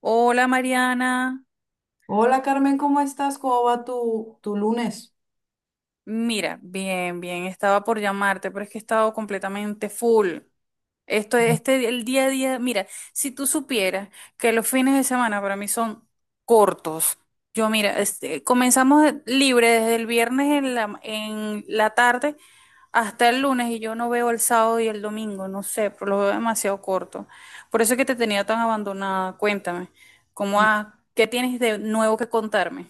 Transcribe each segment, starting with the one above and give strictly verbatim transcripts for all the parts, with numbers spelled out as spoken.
Hola Mariana, Hola Carmen, ¿cómo estás? ¿Cómo va tu, tu lunes? mira, bien, bien, estaba por llamarte, pero es que he estado completamente full. Esto, este, el día a día, mira, si tú supieras que los fines de semana para mí son cortos. Yo, mira, este, comenzamos de- libre desde el viernes en la, en la tarde hasta el lunes y yo no veo el sábado y el domingo, no sé, pero lo veo demasiado corto. Por eso es que te tenía tan abandonada. Cuéntame, ¿cómo ha- qué tienes de nuevo que contarme?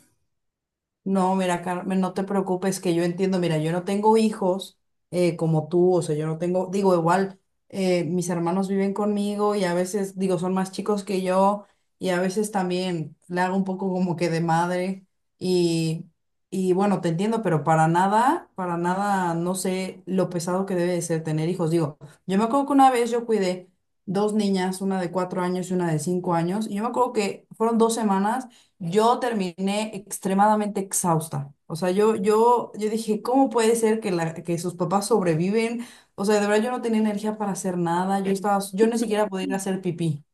No, mira, Carmen, no te preocupes, que yo entiendo, mira, yo no tengo hijos eh, como tú, o sea, yo no tengo, digo, igual, eh, mis hermanos viven conmigo y a veces, digo, son más chicos que yo y a veces también le hago un poco como que de madre y, y bueno, te entiendo, pero para nada, para nada, no sé lo pesado que debe de ser tener hijos. Digo, yo me acuerdo que una vez yo cuidé dos niñas, una de cuatro años y una de cinco años, y yo me acuerdo que fueron dos semanas. Yo terminé extremadamente exhausta. O sea, yo, yo, yo dije, ¿cómo puede ser que, la, que sus papás sobreviven? O sea, de verdad yo no tenía energía para hacer nada. Yo estaba, yo ni siquiera podía ir a hacer pipí.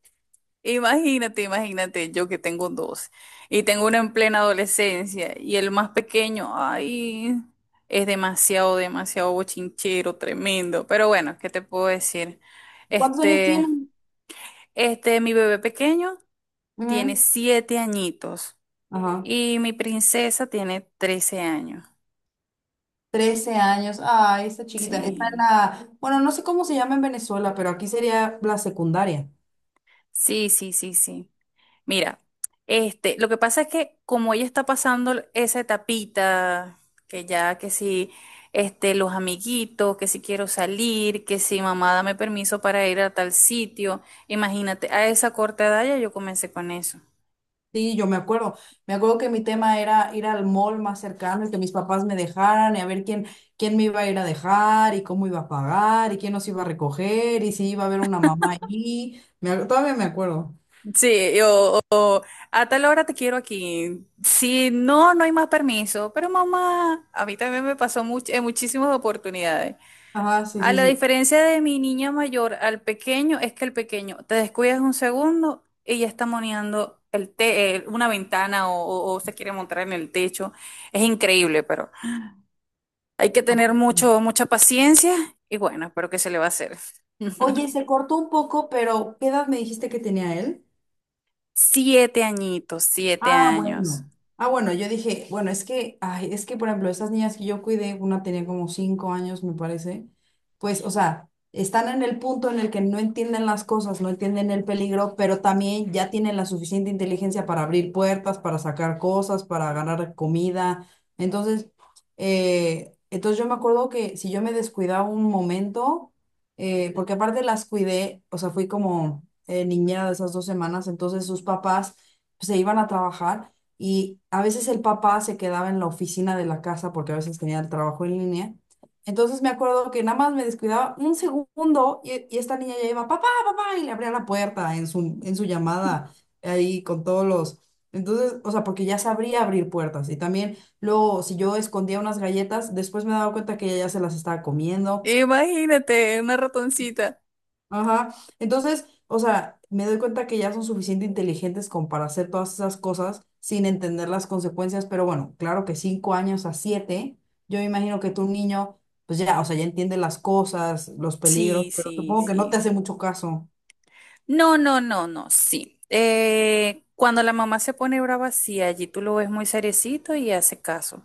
Imagínate, imagínate, yo que tengo dos y tengo uno en plena adolescencia y el más pequeño, ay, es demasiado, demasiado bochinchero, tremendo. Pero bueno, ¿qué te puedo decir? ¿Cuántos años Este, tienen? este, mi bebé pequeño tiene Ujú. siete añitos Ajá. y mi princesa tiene trece años. Trece años. Ay, esta chiquita. Está en Sí, la, bueno, no sé cómo se llama en Venezuela, pero aquí sería la secundaria. sí, sí, sí, sí. Mira, este, lo que pasa es que como ella está pasando esa etapita, que ya que si este, los amiguitos, que si quiero salir, que si mamá dame permiso para ir a tal sitio, imagínate, a esa corta edad ya yo comencé con eso. Sí, yo me acuerdo. Me acuerdo que mi tema era ir al mall más cercano y que mis papás me dejaran y a ver quién, quién me iba a ir a dejar y cómo iba a pagar y quién nos iba a recoger y si iba a haber una mamá allí. Me ac- todavía me acuerdo. Sí, yo a tal hora te quiero aquí. Si no, no hay más permiso. Pero mamá, a mí también me pasó much- en muchísimas oportunidades. Ajá, sí, A sí, la sí. diferencia de mi niña mayor al pequeño, es que el pequeño te descuidas un segundo y ya está moneando el te- eh, una ventana o, o- o se quiere montar en el techo. Es increíble, pero hay que tener mucho, mucha paciencia y bueno, pero ¿qué se le va a hacer? Oye, se cortó un poco, pero ¿qué edad me dijiste que tenía él? Siete añitos, siete Ah, años. bueno. Ah, bueno, yo dije, bueno, es que, ay, es que, por ejemplo, esas niñas que yo cuidé, una tenía como cinco años, me parece, pues, o sea, están en el punto en el que no entienden las cosas, no entienden el peligro, pero también ya tienen la suficiente inteligencia para abrir puertas, para sacar cosas, para ganar comida. Entonces, eh, entonces yo me acuerdo que si yo me descuidaba un momento, eh, porque aparte las cuidé, o sea, fui como eh, niñera de esas dos semanas, entonces sus papás se iban a trabajar y a veces el papá se quedaba en la oficina de la casa porque a veces tenía el trabajo en línea. Entonces me acuerdo que nada más me descuidaba un segundo y, y esta niña ya iba, papá, papá, y le abría la puerta en su, en su llamada ahí con todos los... Entonces, o sea, porque ya sabría abrir puertas y también luego si yo escondía unas galletas, después me daba cuenta que ella ya se las estaba comiendo. Imagínate, una ratoncita. Ajá. Entonces, o sea, me doy cuenta que ya son suficiente inteligentes como para hacer todas esas cosas sin entender las consecuencias, pero bueno, claro que cinco años a siete, yo me imagino que tu niño, pues ya, o sea, ya entiende las cosas, los peligros, Sí, pero sí, supongo que no sí, te hace sí. mucho caso. No, no, no, no, sí. Eh, cuando la mamá se pone brava, sí, allí tú lo ves muy seriecito y hace caso.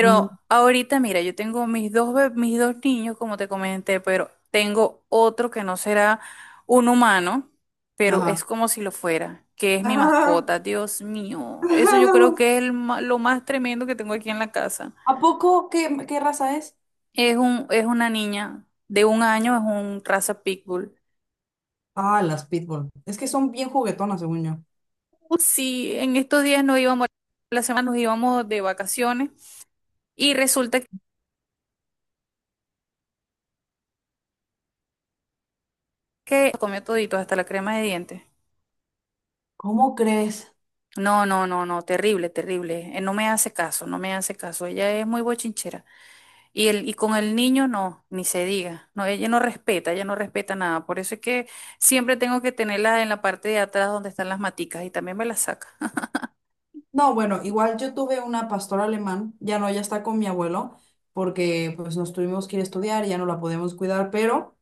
Ujú. ahorita, mira, yo tengo mis dos, be- mis dos niños, como te comenté, pero tengo otro que no será un humano, pero es Ajá. como si lo fuera, que es mi Ah, mascota. Dios mío, eso yo creo que es el ma- lo más tremendo que tengo aquí en la casa. ¿A poco qué, qué raza es? Es un, es una niña de un año, es un raza pitbull. Ah, las pitbull. Es que son bien juguetonas, según yo. Uh, Sí, en estos días nos íbamos, la semana nos íbamos de vacaciones y resulta que comió todito, hasta la crema de dientes. ¿Cómo crees? No, no, no, no, terrible, terrible. Eh, No me hace caso, no me hace caso. Ella es muy bochinchera. Y el, y con el niño no, ni se diga. No, ella no respeta, ella no respeta nada. Por eso es que siempre tengo que tenerla en la parte de atrás donde están las maticas y también me las saca. No, bueno, igual yo tuve una pastora alemán, ya no, ya está con mi abuelo, porque pues nos tuvimos que ir a estudiar, ya no la podemos cuidar, pero,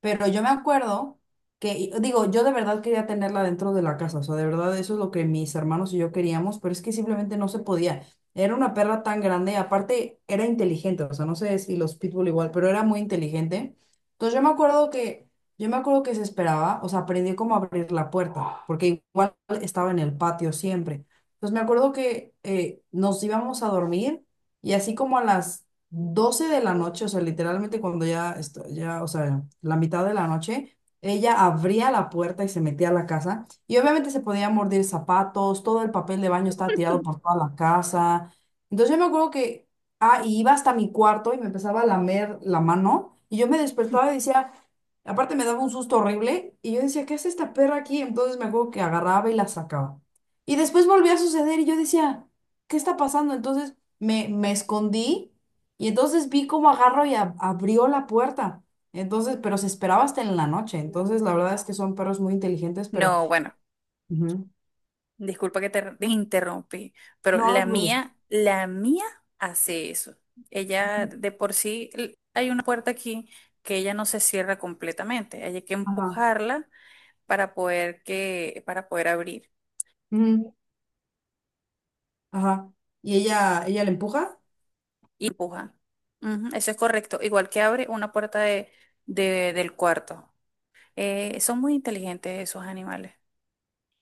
pero yo me acuerdo que, y- digo, yo de verdad quería tenerla dentro de la casa, o sea, de verdad eso es lo que mis hermanos y yo queríamos, pero es que simplemente no se podía. Era una perra tan grande, aparte era inteligente, o sea, no sé si los pitbull igual, pero era muy inteligente. Entonces yo me acuerdo que, yo me acuerdo que se esperaba, o sea, aprendí cómo abrir la puerta, porque igual estaba en el patio siempre. Pues me acuerdo que eh, nos íbamos a dormir y así como a las doce de la noche, o sea, literalmente cuando ya, esto- ya, o sea, la mitad de la noche, ella abría la puerta y se metía a la casa y obviamente se podía morder zapatos, todo el papel de baño estaba tirado por toda la casa. Entonces yo me acuerdo que, ah, y iba hasta mi cuarto y me empezaba a lamer la mano y yo me despertaba y decía... Aparte me daba un susto horrible y yo decía, ¿qué hace esta perra aquí? Entonces me acuerdo que agarraba y la sacaba. Y después volvió a suceder y yo decía, ¿qué está pasando? Entonces me, me escondí y entonces vi cómo agarró y ab- abrió la puerta. Entonces, pero se esperaba hasta en la noche. Entonces, la verdad es que son perros muy inteligentes, pero No, bueno. ujú, Disculpa que te te interrumpí, pero no lo la dudo. mía, la mía hace eso. Ella Ujú. de por sí, l- hay una puerta aquí que ella no se cierra completamente. Hay que Ajá. empujarla para poder que, para poder abrir. Ujú. Ajá. Y ella, ella le empuja. Y empuja. Ujú, eso es correcto. Igual que abre una puerta de, de- del cuarto. Eh, son muy inteligentes esos animales.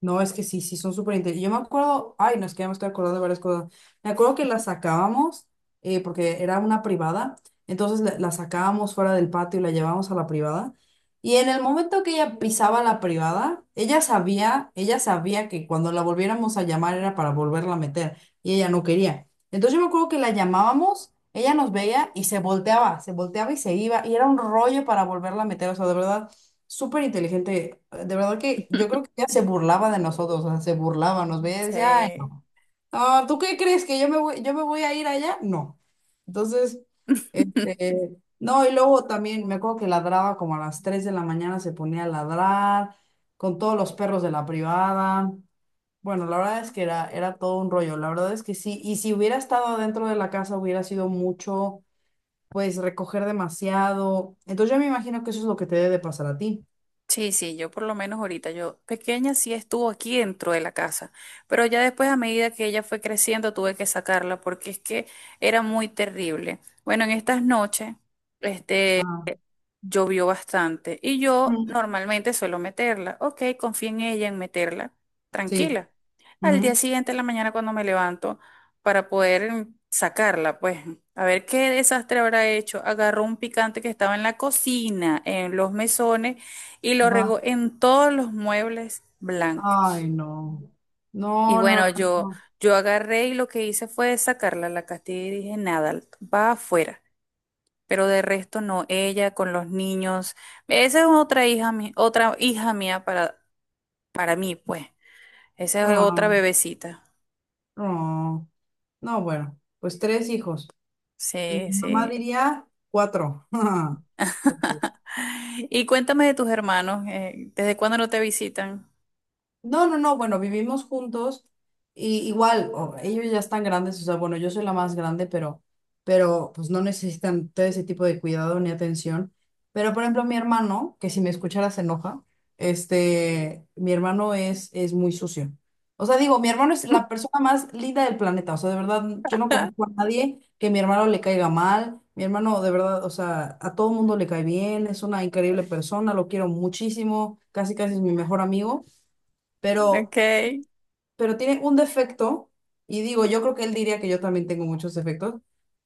No, es que sí, sí, son súper interesantes. Yo me acuerdo, ay, no, es que ya me estoy acordando de varias cosas. Me acuerdo que la sacábamos, eh, porque era una privada, entonces la, la sacábamos fuera del patio y la llevábamos a la privada. Y en el momento que ella pisaba la privada, ella sabía, ella sabía que cuando la volviéramos a llamar era para volverla a meter, y ella no quería. Entonces yo me acuerdo que la llamábamos, ella nos veía y se volteaba, se volteaba y se iba, y era un rollo para volverla a meter, o sea, de verdad súper inteligente. De verdad que yo creo que ya se burlaba de nosotros, o sea, se burlaba, nos veía y decía, ay, Sí. no, no, ¿tú qué crees que yo me voy, yo me voy a ir allá? No. Entonces, este, no, y luego también me acuerdo que ladraba como a las tres de la mañana, se ponía a ladrar con todos los perros de la privada. Bueno, la verdad es que era, era todo un rollo, la verdad es que sí, y si hubiera estado dentro de la casa hubiera sido mucho, pues recoger demasiado. Entonces yo me imagino que eso es lo que te debe de pasar a ti. Sí, sí, yo por lo menos ahorita, yo pequeña sí estuvo aquí dentro de la casa, pero ya después a medida que ella fue creciendo tuve que sacarla porque es que era muy terrible. Bueno, en estas noches, este, llovió bastante y yo Mm, normalmente suelo meterla. Ok, confío en ella en meterla, sí. tranquila. Al día Ujú. siguiente, en la mañana, cuando me levanto para poder mm, sacarla, pues a ver qué desastre habrá hecho. Agarró un picante que estaba en la cocina, en los mesones y lo Ajá. regó en todos los muebles blancos. Ay, no. Y No, no, bueno, no, yo, no. yo agarré y lo que hice fue sacarla a la castilla y dije, nada, va afuera pero de resto no, ella con los niños. Esa es otra hija, mi- otra hija mía para, para mí, pues. Esa es otra Ah, bebecita. no. No, bueno, pues tres hijos. Y Sí, mi mamá sí. diría cuatro. Porque Y cuéntame de tus hermanos, eh, ¿desde cuándo no te visitan? no, no, no, bueno, vivimos juntos y igual, o- ellos ya están grandes, o sea, bueno, yo soy la más grande, pero, pero, pues no necesitan todo ese tipo de cuidado ni atención. Pero, por ejemplo, mi hermano, que si me escuchara se enoja, este, mi hermano es, es muy sucio. O sea, digo, mi hermano es la persona más linda del planeta, o sea, de verdad, yo no conozco a nadie que mi hermano le caiga mal, mi hermano, de verdad, o sea, a todo mundo le cae bien, es una increíble persona, lo quiero muchísimo, casi casi es mi mejor amigo pero, Ok, y pero tiene un defecto, y digo, yo creo que él diría que yo también tengo muchos defectos,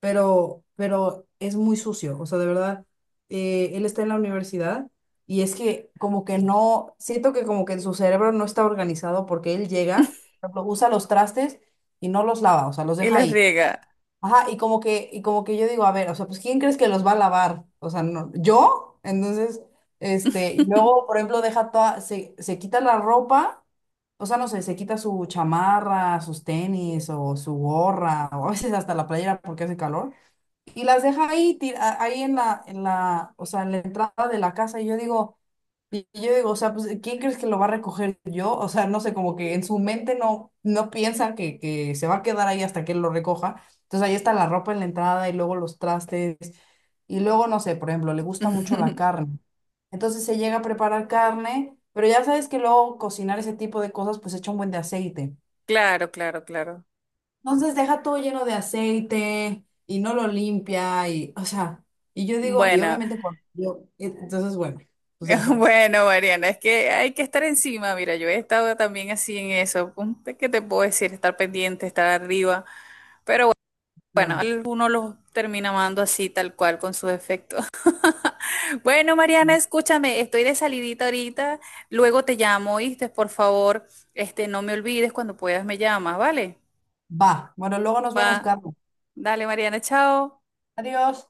pero, pero es muy sucio, o sea, de verdad, eh, él está en la universidad y es que como que no, siento que como que en su cerebro no está organizado porque él llega, por ejemplo, usa los trastes y no los lava, o sea, los deja les ahí. riega. Ajá, y como que, y como que yo digo, a ver, o sea, pues ¿quién crees que los va a lavar? O sea, no, ¿yo? Entonces, este, y luego, por ejemplo, deja toda, se, se quita la ropa, o sea, no sé, se quita su chamarra, sus tenis o su gorra, o a veces hasta la playera porque hace calor y las deja ahí, tira- ahí en la, en la, o sea, en la entrada de la casa. Y yo digo, y yo digo, o sea, pues, ¿quién crees que lo va a recoger yo? O sea, no sé, como que en su mente no, no piensa que, que se va a quedar ahí hasta que él lo recoja. Entonces ahí está la ropa en la entrada y luego los trastes. Y luego, no sé, por ejemplo, le gusta mucho la carne. Entonces se llega a preparar carne, pero ya sabes que luego cocinar ese tipo de cosas pues echa un buen de aceite. Claro, claro, claro. Entonces deja todo lleno de aceite y no lo limpia y, o sea, y yo digo, y Bueno, obviamente cuando yo, entonces bueno, pues ya sabes. bueno, Mariana, es que hay que estar encima. Mira, yo he estado también así en eso. ¿Qué te puedo decir? Estar pendiente, estar arriba. Pero bueno, No, uno los termina amando así, tal cual, con sus efectos. Bueno, Mariana, no. escúchame, estoy de salidita ahorita. Luego te llamo, ¿oíste? Por favor, este, no me olvides cuando puedas me llamas, ¿vale? Va, bueno, luego nos vemos, Va. Carlos. Dale, Mariana, chao. Adiós.